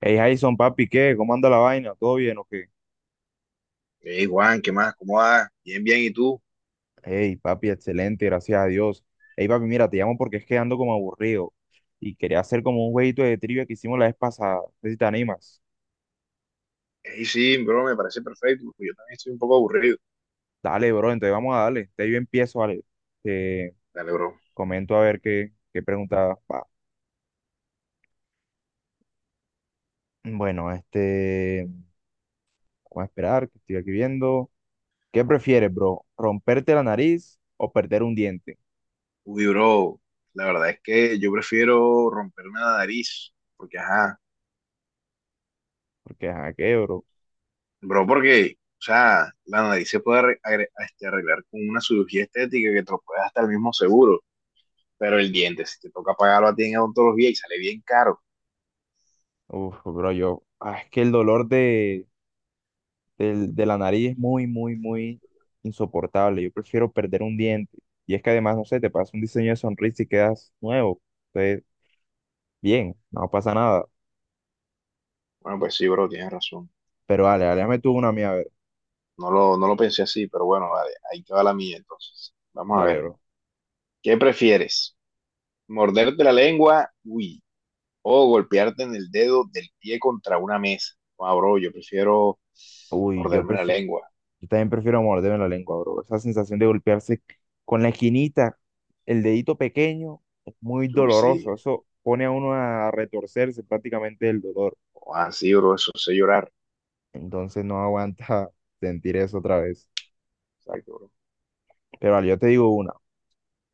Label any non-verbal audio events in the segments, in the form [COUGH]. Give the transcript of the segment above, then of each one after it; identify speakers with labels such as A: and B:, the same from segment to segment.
A: Hey Jason, papi, ¿qué? ¿Cómo anda la vaina? ¿Todo bien o qué?
B: Hey Juan, ¿qué más? ¿Cómo vas? Bien, bien, ¿y tú?
A: Hey, papi, excelente, gracias a Dios. Hey, papi, mira, te llamo porque es que ando como aburrido y quería hacer como un jueguito de trivia que hicimos la vez pasada. No sé si te animas.
B: Hey, sí, bro, me parece perfecto, porque yo también estoy un poco aburrido.
A: Dale, bro, entonces vamos a darle. Te yo empiezo, vale. Te
B: Dale, bro.
A: comento a ver qué pregunta va. Bueno, vamos a esperar, que estoy aquí viendo. ¿Qué prefieres, bro? ¿Romperte la nariz o perder un diente?
B: Uy, bro, la verdad es que yo prefiero romperme la nariz, porque, ajá,
A: Porque, ajá, ¿qué, bro?
B: bro, porque, o sea, la nariz se puede arreglar con una cirugía estética que te lo puede hasta el mismo seguro, pero el diente, si te toca pagarlo a ti en odontología y sale bien caro.
A: Uf, bro, es que el dolor de la nariz es muy, muy, muy insoportable. Yo prefiero perder un diente. Y es que además, no sé, te pasa un diseño de sonrisa y quedas nuevo. Entonces, bien, no pasa nada.
B: Bueno, pues sí, bro, tienes razón.
A: Pero dale, dale, dame tú una mía, a ver.
B: No lo pensé así, pero bueno, vale, ahí te va la mía entonces. Vamos a
A: Dale,
B: ver,
A: bro.
B: ¿qué prefieres? Morderte la lengua, uy. O golpearte en el dedo del pie contra una mesa. Ah, bro, yo prefiero
A: Uy, yo
B: morderme la
A: prefiero,
B: lengua.
A: yo también prefiero morderme la lengua, bro. Esa sensación de golpearse con la esquinita, el dedito pequeño, es muy
B: Uy, sí.
A: doloroso. Eso pone a uno a retorcerse prácticamente el dolor.
B: Ah, sí, bro, eso sé llorar.
A: Entonces no aguanta [LAUGHS] sentir eso otra vez.
B: Exacto, bro.
A: Pero vale, yo te digo una.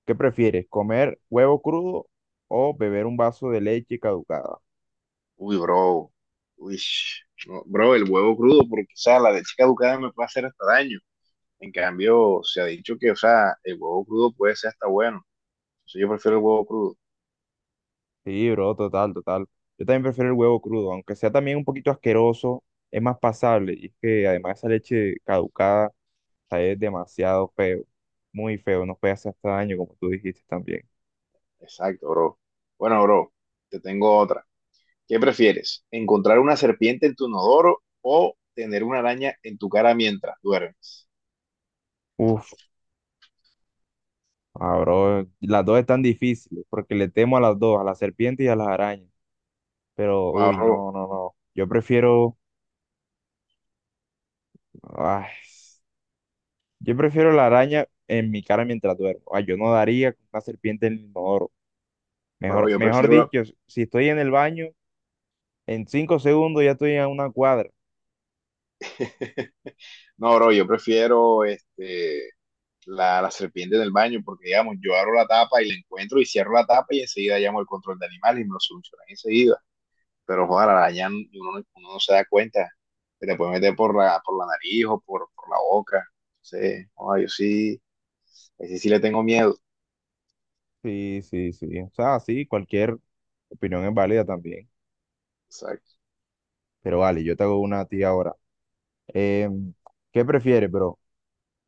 A: ¿Qué prefieres? ¿Comer huevo crudo o beber un vaso de leche caducada?
B: Uy, bro. Uy, no, bro, el huevo crudo, porque, o sea, la leche caducada me puede hacer hasta daño. En cambio, se ha dicho que, o sea, el huevo crudo puede ser hasta bueno. Entonces yo prefiero el huevo crudo.
A: Sí, bro, total, total. Yo también prefiero el huevo crudo, aunque sea también un poquito asqueroso, es más pasable. Y es que además esa leche caducada, o sea, es demasiado feo, muy feo, nos puede hacer hasta daño, como tú dijiste también.
B: Exacto, bro. Bueno, bro, te tengo otra. ¿Qué prefieres? ¿Encontrar una serpiente en tu inodoro o tener una araña en tu cara mientras duermes?
A: Uf, bro, las dos están difíciles, porque le temo a las dos, a las serpientes y a las arañas. Pero,
B: No,
A: uy,
B: bro,
A: no, no, no. Ay, Yo prefiero la araña en mi cara mientras duermo. Ah, yo no daría con una serpiente en el inodoro.
B: bro,
A: Mejor, mejor dicho, si estoy en el baño, en 5 segundos ya estoy a una cuadra.
B: [LAUGHS] no, bro, yo prefiero la serpiente en el baño porque, digamos, yo abro la tapa y la encuentro y cierro la tapa y enseguida llamo al control de animales y me lo solucionan enseguida. Pero, joder, la araña uno, uno no se da cuenta. Se te puede meter por la nariz o por la boca. Sí, joda, yo sí, ese sí le tengo miedo.
A: Sí, sí, sí. O sea, sí, cualquier opinión es válida también. Pero vale, yo te hago una a ti ahora. Em, ¿Qué prefieres, bro?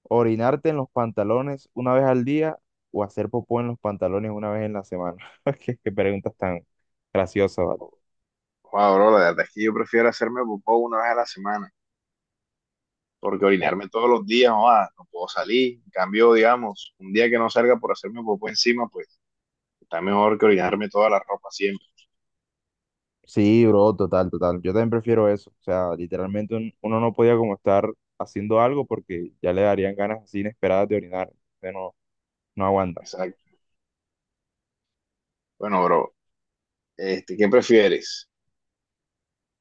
A: ¿Orinarte en los pantalones una vez al día o hacer popó en los pantalones una vez en la semana? [LAUGHS] Qué preguntas tan graciosas, ¿vale?
B: Joder, bro, la verdad es que yo prefiero hacerme popó una vez a la semana, porque orinarme todos los días, joder, no puedo salir. En cambio, digamos, un día que no salga por hacerme popó encima, pues está mejor que orinarme toda la ropa siempre.
A: Sí, bro, total, total. Yo también prefiero eso. O sea, literalmente uno no podía como estar haciendo algo porque ya le darían ganas así inesperadas de orinar. Entonces no, no aguanta.
B: Exacto. Bueno, bro, ¿qué prefieres?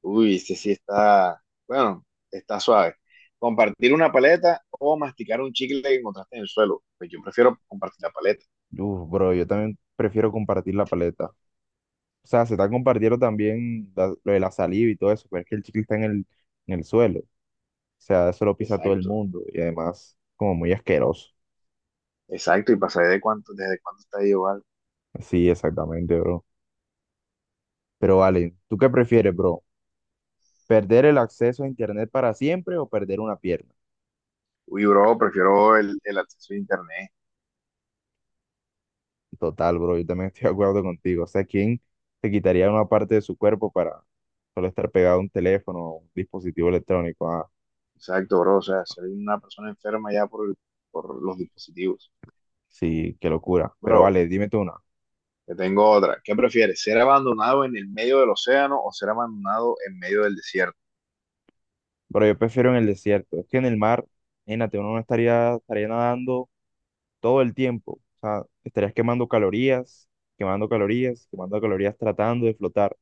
B: Uy, este sí está, bueno, está suave. ¿Compartir una paleta o masticar un chicle que encontraste en el suelo? Pues yo prefiero compartir la paleta.
A: Uf, bro, yo también prefiero compartir la paleta. O sea, se está compartiendo también lo de la saliva y todo eso, pero es que el chicle está en el suelo. O sea, eso lo pisa todo el
B: Exacto,
A: mundo y además como muy asqueroso.
B: exacto. Y pasaré desde cuánto está ahí igual.
A: Sí, exactamente, bro. Pero vale, ¿tú qué prefieres, bro? ¿Perder el acceso a internet para siempre o perder una pierna?
B: Uy, bro, prefiero el acceso a internet.
A: Total, bro, yo también estoy de acuerdo contigo. O sea, ¿quién se quitaría una parte de su cuerpo para solo estar pegado a un teléfono o un dispositivo electrónico? Ah,
B: Exacto, bro. O sea, ser una persona enferma ya por los dispositivos.
A: sí, qué locura. Pero
B: Bro,
A: vale, dime tú una.
B: te tengo otra. ¿Qué prefieres? ¿Ser abandonado en el medio del océano o ser abandonado en medio del desierto?
A: Pero yo prefiero en el desierto. Es que en el mar, imagínate, uno no estaría, estaría nadando todo el tiempo. O sea, estarías quemando calorías, quemando calorías, quemando calorías tratando de flotar.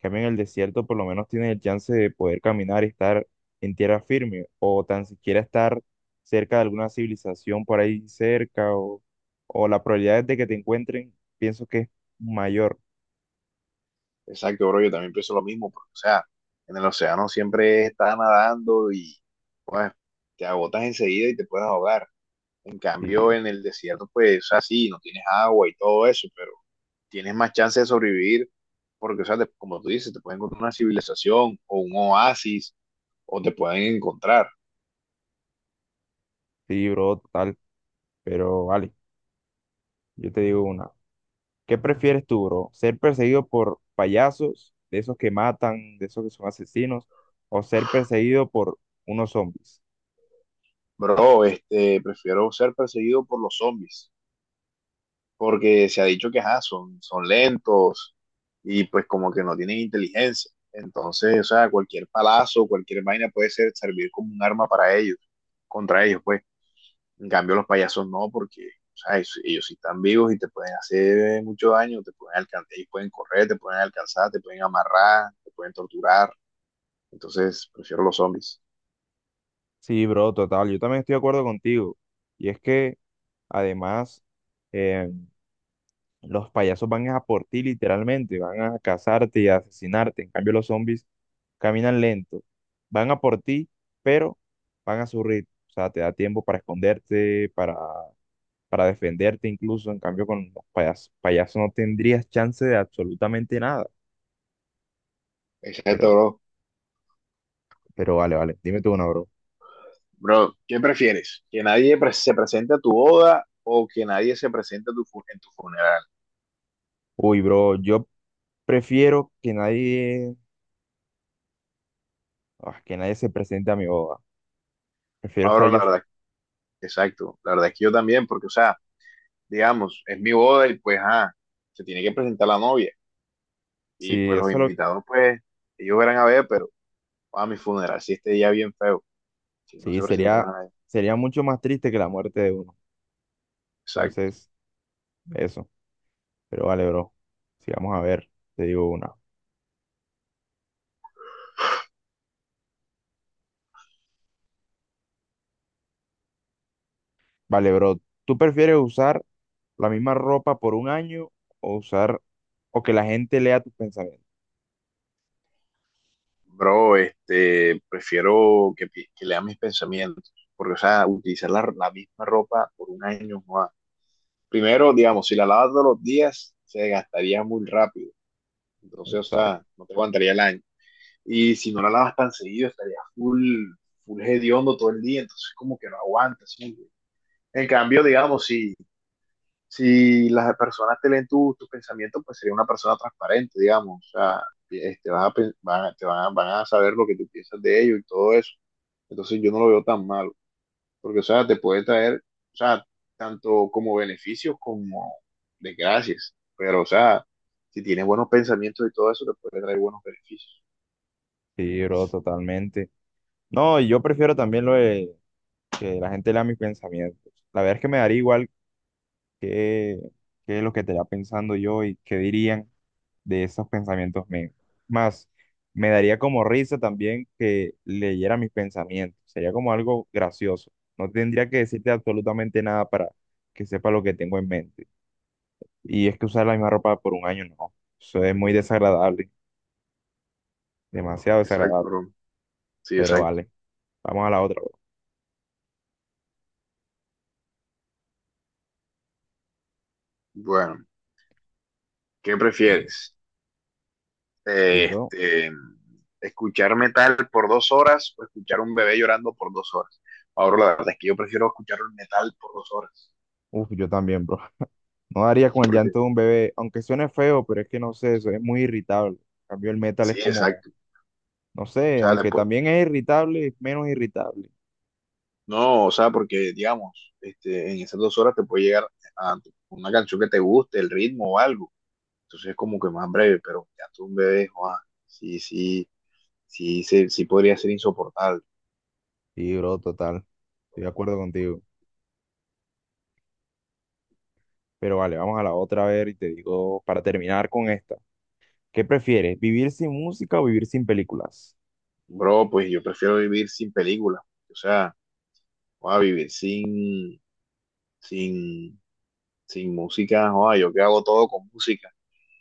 A: Cambio, en el desierto por lo menos tienes el chance de poder caminar y estar en tierra firme o tan siquiera estar cerca de alguna civilización por ahí cerca o la probabilidad de que te encuentren, pienso que es mayor.
B: Exacto, bro. Yo también pienso lo mismo, porque, o sea, en el océano siempre estás nadando y, pues, te agotas enseguida y te puedes ahogar. En cambio,
A: Sí,
B: en el desierto, pues, o sea, sí, no tienes agua y todo eso, pero tienes más chance de sobrevivir porque, o sea, como tú dices, te pueden encontrar una civilización o un oasis o te pueden encontrar.
A: sí, bro, total. Pero vale, yo te digo una. ¿Qué prefieres tú, bro? ¿Ser perseguido por payasos, de esos que matan, de esos que son asesinos, o ser perseguido por unos zombies?
B: Bro, prefiero ser perseguido por los zombies, porque se ha dicho que ajá, son lentos y pues como que no tienen inteligencia. Entonces, o sea, cualquier palazo, cualquier vaina puede servir como un arma para ellos, contra ellos, pues. En cambio, los payasos no, porque o sea, ellos sí están vivos y te pueden hacer mucho daño, te pueden alcanzar, ellos pueden correr, te pueden alcanzar, te pueden amarrar, te pueden torturar. Entonces, prefiero los zombies.
A: Sí, bro, total. Yo también estoy de acuerdo contigo. Y es que, además, eh, los payasos van a por ti literalmente, van a cazarte y a asesinarte. En cambio, los zombies caminan lento, van a por ti, pero van a su ritmo. O sea, te da tiempo para esconderte, para defenderte incluso. En cambio, con los payasos no tendrías chance de absolutamente nada.
B: Exacto,
A: Pero,
B: bro.
A: pero vale, vale. Dime tú una, bro.
B: Bro, ¿qué prefieres? ¿Que nadie se presente a tu boda o que nadie se presente en tu funeral?
A: Uy, bro, yo prefiero que nadie se presente a mi boda. Prefiero
B: Ah,
A: estar
B: bro, la
A: yo.
B: verdad, exacto. La verdad es que yo también, porque, o sea, digamos, es mi boda y pues, ah, se tiene que presentar la novia. Y
A: Sí,
B: pues los
A: eso lo.
B: invitados, pues, ellos verán a ver, pero a mi funeral, si este día bien feo, si no
A: Sí,
B: se presenta
A: sería,
B: nadie.
A: sería mucho más triste que la muerte de uno.
B: Exacto.
A: Entonces, eso. Pero vale, bro. Sí, vamos a ver. Te digo una. Vale, bro. ¿Tú prefieres usar la misma ropa por un año o usar... o que la gente lea tus pensamientos?
B: Bro, prefiero que lea mis pensamientos, porque, o sea, utilizar la misma ropa por un año, joda, primero, digamos, si la lavas todos los días, se gastaría muy rápido. Entonces, o
A: Dark.
B: sea, no te aguantaría el año. Y si no la lavas tan seguido, estaría full, full hediondo todo el día. Entonces, como que no aguantas, ¿sí? En cambio, digamos, si las personas te leen tus pensamientos, pues sería una persona transparente, digamos. O sea, vas a, pen- van, a- te van, a, van a saber lo que tú piensas de ellos y todo eso. Entonces, yo no lo veo tan malo porque, o sea, te puede traer, o sea, tanto como beneficios como desgracias, pero, o sea, si tienes buenos pensamientos y todo eso, te puede traer buenos beneficios.
A: Sí, bro, totalmente. No, y yo prefiero también lo de que la gente lea mis pensamientos. La verdad es que me daría igual qué que lo que estaría pensando yo y qué dirían de esos pensamientos míos. Más, me daría como risa también que leyera mis pensamientos. Sería como algo gracioso. No tendría que decirte absolutamente nada para que sepa lo que tengo en mente. Y es que usar la misma ropa por un año, no. Eso es muy desagradable, demasiado
B: Exacto,
A: desagradable.
B: Roma. Sí,
A: Pero
B: exacto.
A: vale, vamos a la otra, bro.
B: Bueno, ¿qué
A: Sí.
B: prefieres?
A: Sí,
B: Eh,
A: bro.
B: Este, escuchar metal por 2 horas o escuchar un bebé llorando por 2 horas. Ahora, la verdad es que yo prefiero escuchar un metal por 2 horas,
A: Uf, yo también, bro. No daría con el
B: porque
A: llanto de un bebé, aunque suene feo, pero es que no sé, eso es muy irritable. En cambio, el metal es
B: sí,
A: como,
B: exacto.
A: no
B: O
A: sé,
B: sea,
A: aunque
B: después.
A: también es irritable, es menos irritable.
B: No, o sea, porque digamos, en esas 2 horas te puede llegar a una canción que te guste, el ritmo o algo. Entonces es como que más breve, pero ya tú un bebé, joa, sí, sí, sí, sí, sí podría ser insoportable.
A: Sí, bro, total. Estoy de acuerdo contigo. Pero vale, vamos a la otra a ver y te digo, para terminar con esta, ¿qué prefieres? ¿Vivir sin música o vivir sin películas?
B: Bro, pues yo prefiero vivir sin película. O sea, joa, vivir sin, sin música, joa, yo que hago todo con música.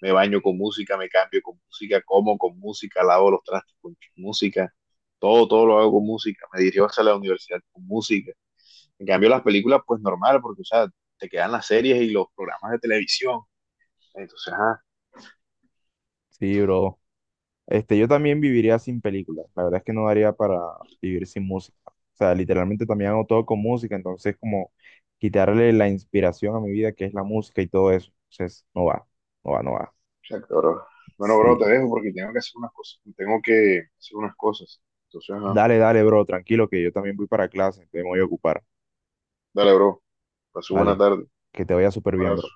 B: Me baño con música, me cambio con música, como con música, lavo los trastes con música, todo, todo lo hago con música. Me dirijo hacia la universidad con música. En cambio, las películas, pues normal, porque, o sea, te quedan las series y los programas de televisión. Entonces,
A: Sí, bro. Yo también viviría sin películas. La verdad es que no daría para vivir sin música. O sea, literalmente también hago todo con música, entonces como quitarle la inspiración a mi vida, que es la música y todo eso. Entonces, no va, no va, no va.
B: exacto, bro. Bueno, bro, te
A: Sí.
B: dejo porque tengo que hacer unas cosas. Tengo que hacer unas cosas. Entonces, ajá.
A: Dale, dale, bro, tranquilo, que yo también voy para clase, te voy a ocupar.
B: Dale, bro. Pasó buena
A: Vale,
B: tarde.
A: que te vaya
B: Un
A: súper bien,
B: abrazo.
A: bro.